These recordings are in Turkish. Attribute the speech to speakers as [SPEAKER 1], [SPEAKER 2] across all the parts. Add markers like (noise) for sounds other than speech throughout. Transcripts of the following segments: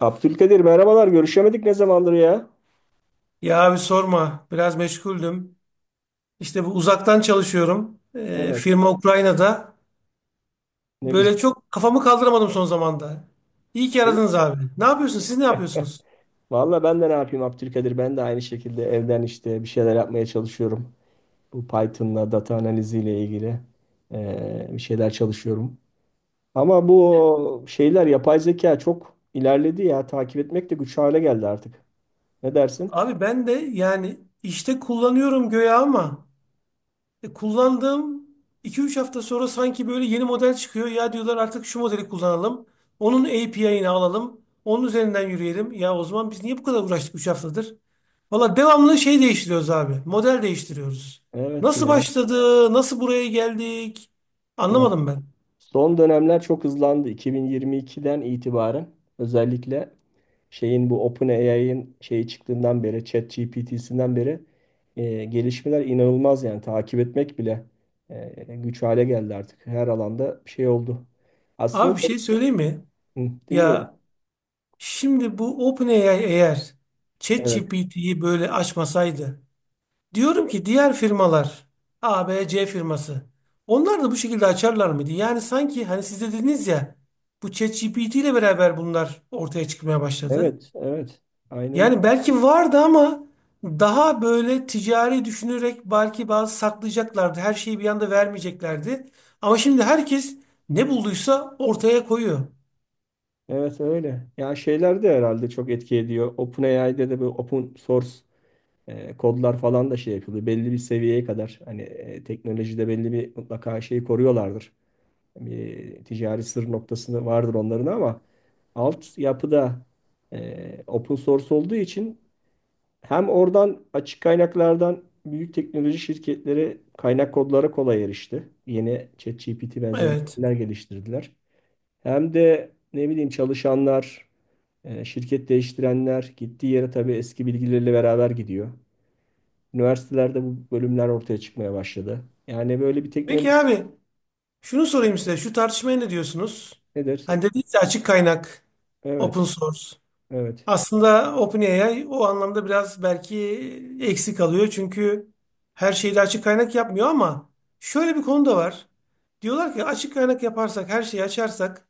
[SPEAKER 1] Abdülkadir merhabalar. Görüşemedik ne zamandır ya?
[SPEAKER 2] Ya abi sorma. Biraz meşguldüm. İşte bu uzaktan çalışıyorum.
[SPEAKER 1] Evet.
[SPEAKER 2] Firma Ukrayna'da.
[SPEAKER 1] Ne güzel.
[SPEAKER 2] Böyle çok kafamı kaldıramadım son zamanda. İyi ki aradınız abi. Ne yapıyorsunuz? Siz ne yapıyorsunuz?
[SPEAKER 1] Valla ben de ne yapayım Abdülkadir? Ben de aynı şekilde evden işte bir şeyler yapmaya çalışıyorum. Bu Python'la data analiziyle ilgili bir şeyler çalışıyorum. Ama bu şeyler yapay zeka çok ilerledi ya. Takip etmek de güç hale geldi artık. Ne dersin?
[SPEAKER 2] Abi ben de yani işte kullanıyorum göğe ama kullandığım 2-3 hafta sonra sanki böyle yeni model çıkıyor. Ya diyorlar artık şu modeli kullanalım. Onun API'ini alalım. Onun üzerinden yürüyelim. Ya o zaman biz niye bu kadar uğraştık 3 haftadır? Valla devamlı şey değiştiriyoruz abi. Model değiştiriyoruz.
[SPEAKER 1] Evet
[SPEAKER 2] Nasıl
[SPEAKER 1] ya.
[SPEAKER 2] başladı? Nasıl buraya geldik?
[SPEAKER 1] Yani
[SPEAKER 2] Anlamadım ben.
[SPEAKER 1] son dönemler çok hızlandı. 2022'den itibaren özellikle şeyin bu OpenAI'ın şeyi çıktığından beri ChatGPT'sinden beri gelişmeler inanılmaz yani takip etmek bile güç hale geldi artık. Her alanda bir şey oldu. Aslında
[SPEAKER 2] Abi bir
[SPEAKER 1] şey,
[SPEAKER 2] şey söyleyeyim mi?
[SPEAKER 1] hı, dinliyorum.
[SPEAKER 2] Ya şimdi bu OpenAI eğer
[SPEAKER 1] Evet.
[SPEAKER 2] ChatGPT'yi böyle açmasaydı. Diyorum ki diğer firmalar, A, B, C firması, onlar da bu şekilde açarlar mıydı? Yani sanki hani siz de dediniz ya, bu ChatGPT ile beraber bunlar ortaya çıkmaya başladı.
[SPEAKER 1] Evet, evet. Aynen öyle.
[SPEAKER 2] Yani belki vardı ama daha böyle ticari düşünerek belki bazı saklayacaklardı. Her şeyi bir anda vermeyeceklerdi. Ama şimdi herkes ne bulduysa ortaya koyuyor.
[SPEAKER 1] Evet öyle. Ya şeyler de herhalde çok etki ediyor. OpenAI'de de bu open source kodlar falan da şey yapılıyor. Belli bir seviyeye kadar hani teknolojide belli bir mutlaka şeyi koruyorlardır. Bir ticari sır noktasında vardır onların ama alt yapıda open source olduğu için hem oradan açık kaynaklardan büyük teknoloji şirketleri kaynak kodlara kolay erişti. Yeni ChatGPT benzeri
[SPEAKER 2] Evet.
[SPEAKER 1] modeller geliştirdiler. Hem de ne bileyim çalışanlar, şirket değiştirenler gittiği yere tabii eski bilgileriyle beraber gidiyor. Üniversitelerde bu bölümler ortaya çıkmaya başladı. Yani böyle bir teknoloji
[SPEAKER 2] Peki abi şunu sorayım size. Şu tartışmaya ne diyorsunuz?
[SPEAKER 1] nedir?
[SPEAKER 2] Hani dediniz ya, açık kaynak, open
[SPEAKER 1] Evet,
[SPEAKER 2] source.
[SPEAKER 1] evet.
[SPEAKER 2] Aslında OpenAI o anlamda biraz belki eksik kalıyor. Çünkü her şeyi de açık kaynak yapmıyor ama şöyle bir konu da var. Diyorlar ki açık kaynak yaparsak, her şeyi açarsak,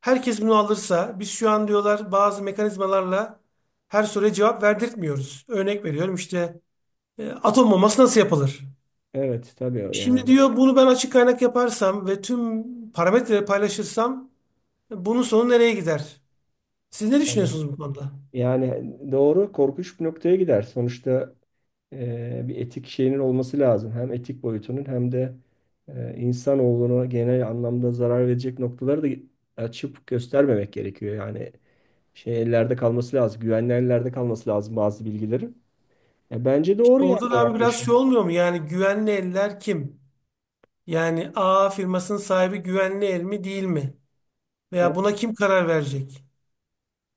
[SPEAKER 2] herkes bunu alırsa, biz şu an diyorlar bazı mekanizmalarla her soruya cevap verdirtmiyoruz. Örnek veriyorum işte, atom bombası nasıl yapılır?
[SPEAKER 1] Evet tabii
[SPEAKER 2] Şimdi
[SPEAKER 1] yani.
[SPEAKER 2] diyor bunu ben açık kaynak yaparsam ve tüm parametreleri paylaşırsam bunun sonu nereye gider? Siz ne
[SPEAKER 1] Yani
[SPEAKER 2] düşünüyorsunuz bu konuda?
[SPEAKER 1] yani doğru korkunç bir noktaya gider. Sonuçta bir etik şeyinin olması lazım. Hem etik boyutunun hem de insanoğluna genel anlamda zarar verecek noktaları da açıp göstermemek gerekiyor. Yani şey ellerde kalması lazım. Güvenli ellerde kalması lazım bazı bilgilerin. Ya bence doğru yani
[SPEAKER 2] Orada
[SPEAKER 1] o
[SPEAKER 2] da abi biraz şey
[SPEAKER 1] yaklaşım.
[SPEAKER 2] olmuyor mu? Yani güvenli eller kim? Yani A firmasının sahibi güvenli el mi değil mi?
[SPEAKER 1] E,
[SPEAKER 2] Veya buna kim karar verecek?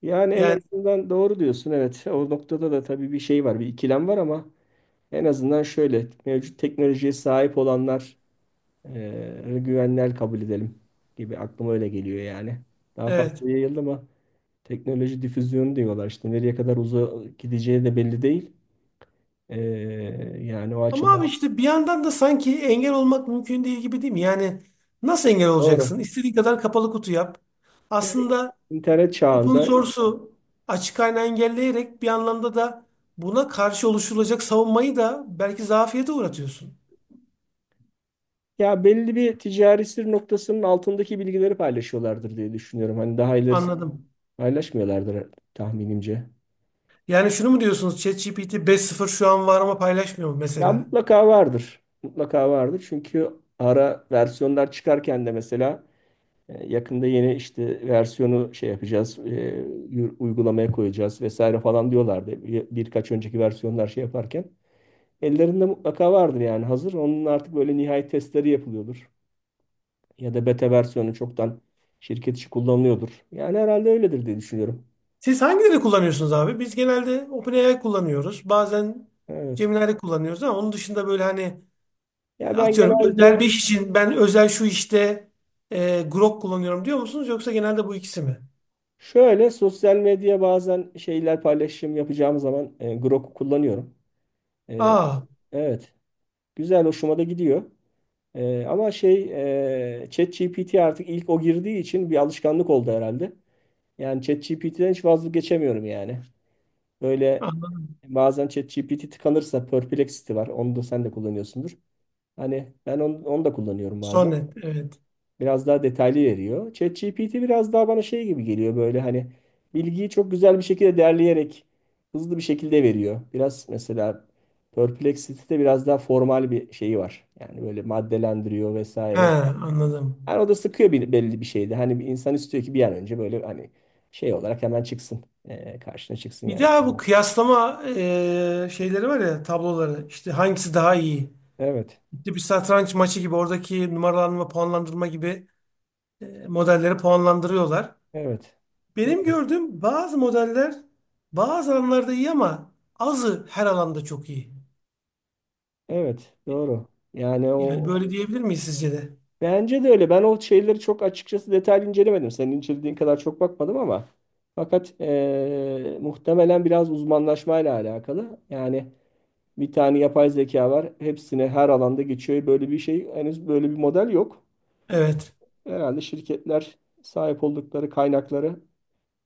[SPEAKER 1] Yani en
[SPEAKER 2] Yani
[SPEAKER 1] azından doğru diyorsun, evet. O noktada da tabii bir şey var, bir ikilem var ama en azından şöyle mevcut teknolojiye sahip olanlar güvenler kabul edelim gibi aklıma öyle geliyor yani. Daha
[SPEAKER 2] evet.
[SPEAKER 1] fazla yayıldı ama teknoloji difüzyonu diyorlar işte nereye kadar uzağa gideceği de belli değil. Ee, yani o
[SPEAKER 2] Ama
[SPEAKER 1] açıdan
[SPEAKER 2] abi işte bir yandan da sanki engel olmak mümkün değil gibi değil mi? Yani nasıl engel
[SPEAKER 1] doğru.
[SPEAKER 2] olacaksın? İstediğin kadar kapalı kutu yap.
[SPEAKER 1] Yani
[SPEAKER 2] Aslında
[SPEAKER 1] internet
[SPEAKER 2] open
[SPEAKER 1] çağında
[SPEAKER 2] source'u, açık kaynağı engelleyerek bir anlamda da buna karşı oluşturulacak savunmayı da belki zafiyete uğratıyorsun.
[SPEAKER 1] ya belli bir ticari sır noktasının altındaki bilgileri paylaşıyorlardır diye düşünüyorum. Hani daha ilerisi
[SPEAKER 2] Anladım.
[SPEAKER 1] paylaşmıyorlardır tahminimce.
[SPEAKER 2] Yani şunu mu diyorsunuz? ChatGPT 5.0 şu an var ama paylaşmıyor mu
[SPEAKER 1] Ya
[SPEAKER 2] mesela?
[SPEAKER 1] mutlaka vardır. Mutlaka vardır. Çünkü ara versiyonlar çıkarken de mesela yakında yeni işte versiyonu şey yapacağız, uygulamaya koyacağız vesaire falan diyorlardı. Birkaç önceki versiyonlar şey yaparken. Ellerinde mutlaka vardır yani hazır. Onun artık böyle nihai testleri yapılıyordur. Ya da beta versiyonu çoktan şirket içi kullanılıyordur. Yani herhalde öyledir diye düşünüyorum.
[SPEAKER 2] Siz hangileri kullanıyorsunuz abi? Biz genelde OpenAI kullanıyoruz. Bazen
[SPEAKER 1] Evet.
[SPEAKER 2] Gemini'leri kullanıyoruz ama onun dışında böyle hani
[SPEAKER 1] Ya ben
[SPEAKER 2] atıyorum özel
[SPEAKER 1] genelde
[SPEAKER 2] bir iş için ben özel şu işte Grok kullanıyorum diyor musunuz? Yoksa genelde bu ikisi mi?
[SPEAKER 1] şöyle sosyal medya bazen şeyler paylaşım yapacağım zaman Grok'u kullanıyorum. E,
[SPEAKER 2] Aa,
[SPEAKER 1] evet. Güzel hoşuma da gidiyor. Ama şey ChatGPT artık ilk o girdiği için bir alışkanlık oldu herhalde. Yani ChatGPT'den hiç vazgeçemiyorum yani. Böyle
[SPEAKER 2] anladım.
[SPEAKER 1] bazen ChatGPT tıkanırsa Perplexity var. Onu da sen de kullanıyorsundur. Hani ben onu da kullanıyorum bazen.
[SPEAKER 2] Sonnet, evet.
[SPEAKER 1] Biraz daha detaylı veriyor. ChatGPT biraz daha bana şey gibi geliyor böyle hani bilgiyi çok güzel bir şekilde derleyerek hızlı bir şekilde veriyor. Biraz mesela Perplexity'de biraz daha formal bir şeyi var. Yani böyle maddelendiriyor
[SPEAKER 2] He,
[SPEAKER 1] vesaire. Yani
[SPEAKER 2] anladım.
[SPEAKER 1] o da sıkıyor bir, belli bir şeydi. Hani bir insan istiyor ki bir an önce böyle hani şey olarak hemen çıksın. Karşına çıksın
[SPEAKER 2] Bir
[SPEAKER 1] yani.
[SPEAKER 2] daha bu kıyaslama şeyleri var ya, tabloları. İşte hangisi daha iyi?
[SPEAKER 1] Evet.
[SPEAKER 2] İşte bir satranç maçı gibi oradaki numaralanma, puanlandırma gibi modelleri puanlandırıyorlar.
[SPEAKER 1] Evet.
[SPEAKER 2] Benim
[SPEAKER 1] Doğru.
[SPEAKER 2] gördüğüm bazı modeller bazı alanlarda iyi ama azı her alanda çok iyi.
[SPEAKER 1] Evet. Doğru. Yani
[SPEAKER 2] Yani
[SPEAKER 1] o
[SPEAKER 2] böyle diyebilir miyiz sizce de?
[SPEAKER 1] bence de öyle. Ben o şeyleri çok açıkçası detaylı incelemedim. Senin incelediğin kadar çok bakmadım ama fakat muhtemelen biraz uzmanlaşmayla alakalı. Yani bir tane yapay zeka var. Hepsine her alanda geçiyor. Böyle bir şey henüz böyle bir model yok.
[SPEAKER 2] Evet.
[SPEAKER 1] Herhalde şirketler sahip oldukları kaynakları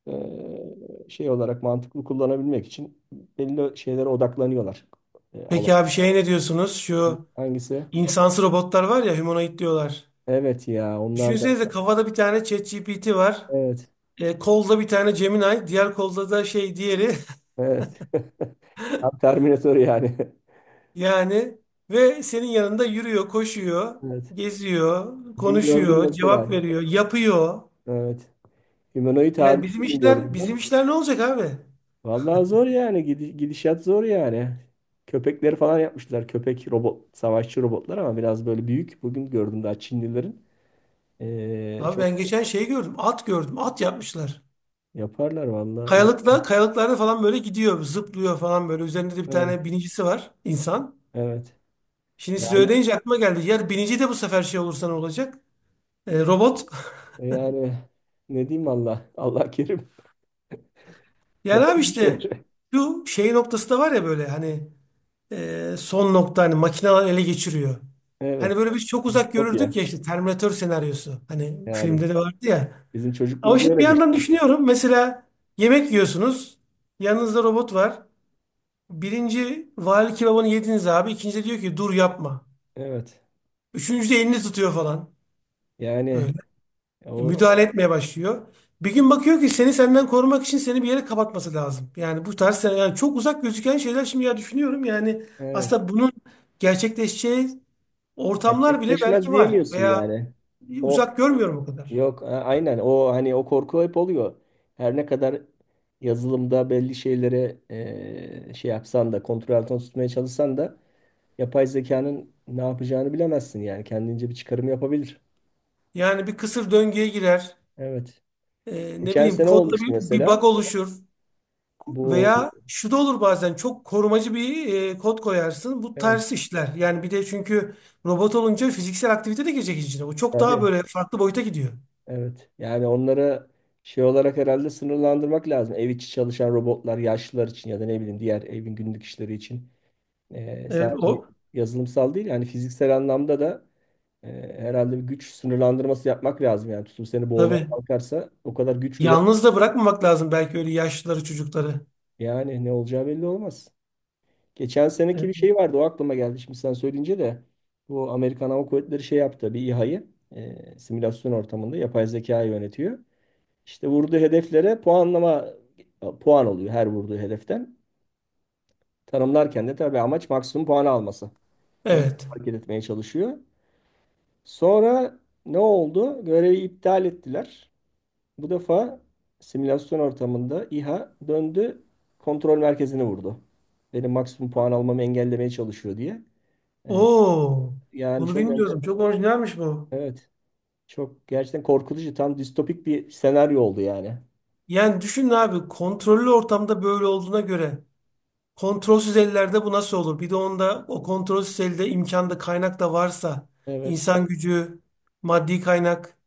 [SPEAKER 1] eee, şey olarak mantıklı kullanabilmek için belli şeylere odaklanıyorlar. Alan.
[SPEAKER 2] Peki abi şey, ne diyorsunuz? Şu
[SPEAKER 1] Hangisi?
[SPEAKER 2] insansı robotlar var ya, humanoid diyorlar.
[SPEAKER 1] Evet ya onlar da.
[SPEAKER 2] Düşünsenize, kafada bir tane ChatGPT var.
[SPEAKER 1] Evet.
[SPEAKER 2] Kolda bir tane Gemini. Diğer kolda da şey, diğeri. (laughs)
[SPEAKER 1] Evet. (laughs) Tam Terminator yani. (laughs)
[SPEAKER 2] Yani ve senin yanında yürüyor, koşuyor,
[SPEAKER 1] Evet.
[SPEAKER 2] geziyor,
[SPEAKER 1] Bugün gördüm
[SPEAKER 2] konuşuyor,
[SPEAKER 1] mesela.
[SPEAKER 2] cevap veriyor, yapıyor.
[SPEAKER 1] Evet. Humanoid halini
[SPEAKER 2] Yani bizim
[SPEAKER 1] bugün
[SPEAKER 2] işler,
[SPEAKER 1] gördüm ben.
[SPEAKER 2] bizim işler ne olacak abi?
[SPEAKER 1] Vallahi zor yani. Gidişat zor yani. Köpekleri falan yapmışlar. Köpek robot, savaşçı robotlar ama biraz böyle büyük. Bugün gördüm daha Çinlilerin.
[SPEAKER 2] Abi
[SPEAKER 1] Çok
[SPEAKER 2] ben geçen şey gördüm. At gördüm. At yapmışlar.
[SPEAKER 1] yaparlar vallahi.
[SPEAKER 2] Kayalıkta, kayalıklarda falan böyle gidiyor. Zıplıyor falan böyle. Üzerinde de bir
[SPEAKER 1] Evet.
[SPEAKER 2] tane binicisi var. İnsan.
[SPEAKER 1] Evet.
[SPEAKER 2] Şimdi siz
[SPEAKER 1] Yani
[SPEAKER 2] öyle deyince aklıma geldi. Yer binici de bu sefer şey olursa ne olacak? Robot. (laughs)
[SPEAKER 1] e yani ne diyeyim Allah? Allah kerim. (laughs)
[SPEAKER 2] Yani
[SPEAKER 1] Yapalım
[SPEAKER 2] abi
[SPEAKER 1] bir
[SPEAKER 2] işte
[SPEAKER 1] şey.
[SPEAKER 2] şu şey noktası da var ya, böyle hani son nokta, hani makineler ele geçiriyor. Hani
[SPEAKER 1] Evet.
[SPEAKER 2] böyle biz çok uzak
[SPEAKER 1] Distopya.
[SPEAKER 2] görürdük ya, işte Terminator senaryosu. Hani
[SPEAKER 1] Yani
[SPEAKER 2] filmde de vardı ya.
[SPEAKER 1] bizim
[SPEAKER 2] Ama
[SPEAKER 1] çocukluğumuz
[SPEAKER 2] şimdi
[SPEAKER 1] öyle
[SPEAKER 2] bir
[SPEAKER 1] geçti.
[SPEAKER 2] yandan düşünüyorum. Mesela yemek yiyorsunuz. Yanınızda robot var. Birinci vali kebabını yediniz abi. İkinci de diyor ki dur yapma.
[SPEAKER 1] Evet.
[SPEAKER 2] Üçüncü de elini tutuyor falan.
[SPEAKER 1] Yani
[SPEAKER 2] Böyle.
[SPEAKER 1] o, o-
[SPEAKER 2] Müdahale etmeye başlıyor. Bir gün bakıyor ki seni senden korumak için seni bir yere kapatması lazım. Yani bu tarz, yani çok uzak gözüken şeyler şimdi ya düşünüyorum. Yani
[SPEAKER 1] evet.
[SPEAKER 2] aslında bunun gerçekleşeceği ortamlar bile
[SPEAKER 1] Gerçekleşmez
[SPEAKER 2] belki var.
[SPEAKER 1] diyemiyorsun
[SPEAKER 2] Veya
[SPEAKER 1] yani. O
[SPEAKER 2] uzak görmüyorum o kadar.
[SPEAKER 1] yok a- aynen o hani o korku hep oluyor. Her ne kadar yazılımda belli şeylere şey yapsan da kontrol altına tutmaya çalışsan da yapay zekanın ne yapacağını bilemezsin yani kendince bir çıkarım yapabilir.
[SPEAKER 2] Yani bir kısır döngüye girer.
[SPEAKER 1] Evet.
[SPEAKER 2] Ne
[SPEAKER 1] Geçen
[SPEAKER 2] bileyim,
[SPEAKER 1] sene
[SPEAKER 2] kodda
[SPEAKER 1] olmuştu
[SPEAKER 2] bir bug
[SPEAKER 1] mesela.
[SPEAKER 2] oluşur.
[SPEAKER 1] Bu
[SPEAKER 2] Veya şu da olur, bazen çok korumacı bir kod koyarsın. Bu
[SPEAKER 1] evet,
[SPEAKER 2] ters işler. Yani bir de çünkü robot olunca fiziksel aktivite de girecek içine. O çok daha
[SPEAKER 1] tabii.
[SPEAKER 2] böyle farklı boyuta gidiyor.
[SPEAKER 1] Evet. Yani onlara şey olarak herhalde sınırlandırmak lazım. Ev içi çalışan robotlar yaşlılar için ya da ne bileyim diğer evin günlük işleri için.
[SPEAKER 2] O
[SPEAKER 1] Sadece yazılımsal değil yani fiziksel anlamda da e, herhalde bir güç sınırlandırması yapmak lazım. Yani tutup seni boğmaya
[SPEAKER 2] tabii.
[SPEAKER 1] kalkarsa o kadar güç üret
[SPEAKER 2] Yalnız da bırakmamak lazım belki öyle yaşlıları, çocukları.
[SPEAKER 1] yani ne olacağı belli olmaz. Geçen seneki bir
[SPEAKER 2] Evet.
[SPEAKER 1] şey vardı o aklıma geldi şimdi sen söyleyince de bu Amerikan Hava Kuvvetleri şey yaptı bir İHA'yı simülasyon ortamında yapay zekayı yönetiyor. İşte vurduğu hedeflere puanlama puan oluyor her vurduğu hedeften. Tanımlarken de tabii amaç maksimum puan alması. Onu
[SPEAKER 2] Evet.
[SPEAKER 1] hareket etmeye çalışıyor. Sonra ne oldu? Görevi iptal ettiler. Bu defa simülasyon ortamında İHA döndü kontrol merkezini vurdu. Benim maksimum puan almamı engellemeye çalışıyor diye. Ee,
[SPEAKER 2] Oo,
[SPEAKER 1] yani
[SPEAKER 2] bunu
[SPEAKER 1] çok enter-
[SPEAKER 2] bilmiyordum. Çok orijinalmiş bu.
[SPEAKER 1] evet, çok gerçekten korkutucu tam distopik bir senaryo oldu yani.
[SPEAKER 2] Yani düşün abi, kontrollü ortamda böyle olduğuna göre kontrolsüz ellerde bu nasıl olur? Bir de onda o kontrolsüz elde imkanda kaynak da varsa,
[SPEAKER 1] Evet
[SPEAKER 2] insan gücü, maddi kaynak,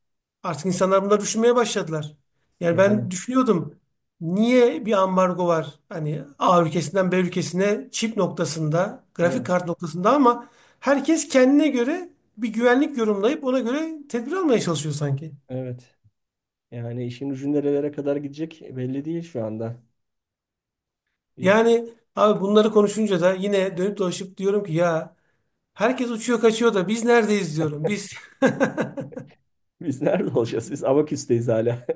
[SPEAKER 2] artık insanlar bunları düşünmeye başladılar. Yani
[SPEAKER 1] yani
[SPEAKER 2] ben düşünüyordum niye bir ambargo var? Hani A ülkesinden B ülkesine, çip noktasında, grafik
[SPEAKER 1] evet,
[SPEAKER 2] kart noktasında, ama herkes kendine göre bir güvenlik yorumlayıp ona göre tedbir almaya çalışıyor sanki.
[SPEAKER 1] evet. Yani işin ucu nerelere kadar gidecek belli değil şu anda. Bi-
[SPEAKER 2] Yani abi bunları konuşunca da yine dönüp dolaşıp diyorum ki ya, herkes uçuyor kaçıyor da biz neredeyiz diyorum. Biz. (laughs)
[SPEAKER 1] Biz nerede olacağız? Biz Abaküs'teyiz hala.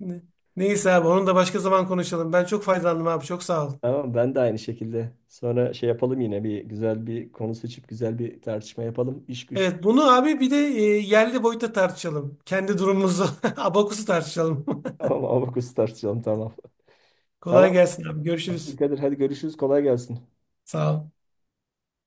[SPEAKER 2] Ne- neyse abi, onu da başka zaman konuşalım. Ben çok faydalandım abi, çok sağ ol.
[SPEAKER 1] (laughs) Ama ben de aynı şekilde. Sonra şey yapalım yine bir güzel bir konu seçip güzel bir tartışma yapalım. İş güç.
[SPEAKER 2] Evet, bunu abi bir de yerli boyutta tartışalım. Kendi durumumuzu, (laughs) abakusu tartışalım.
[SPEAKER 1] (laughs)
[SPEAKER 2] (laughs)
[SPEAKER 1] Tamam Abaküs tartışalım tamam. Tamam.
[SPEAKER 2] Kolay gelsin abi, görüşürüz.
[SPEAKER 1] Kadir hadi görüşürüz. Kolay gelsin.
[SPEAKER 2] Sağ ol.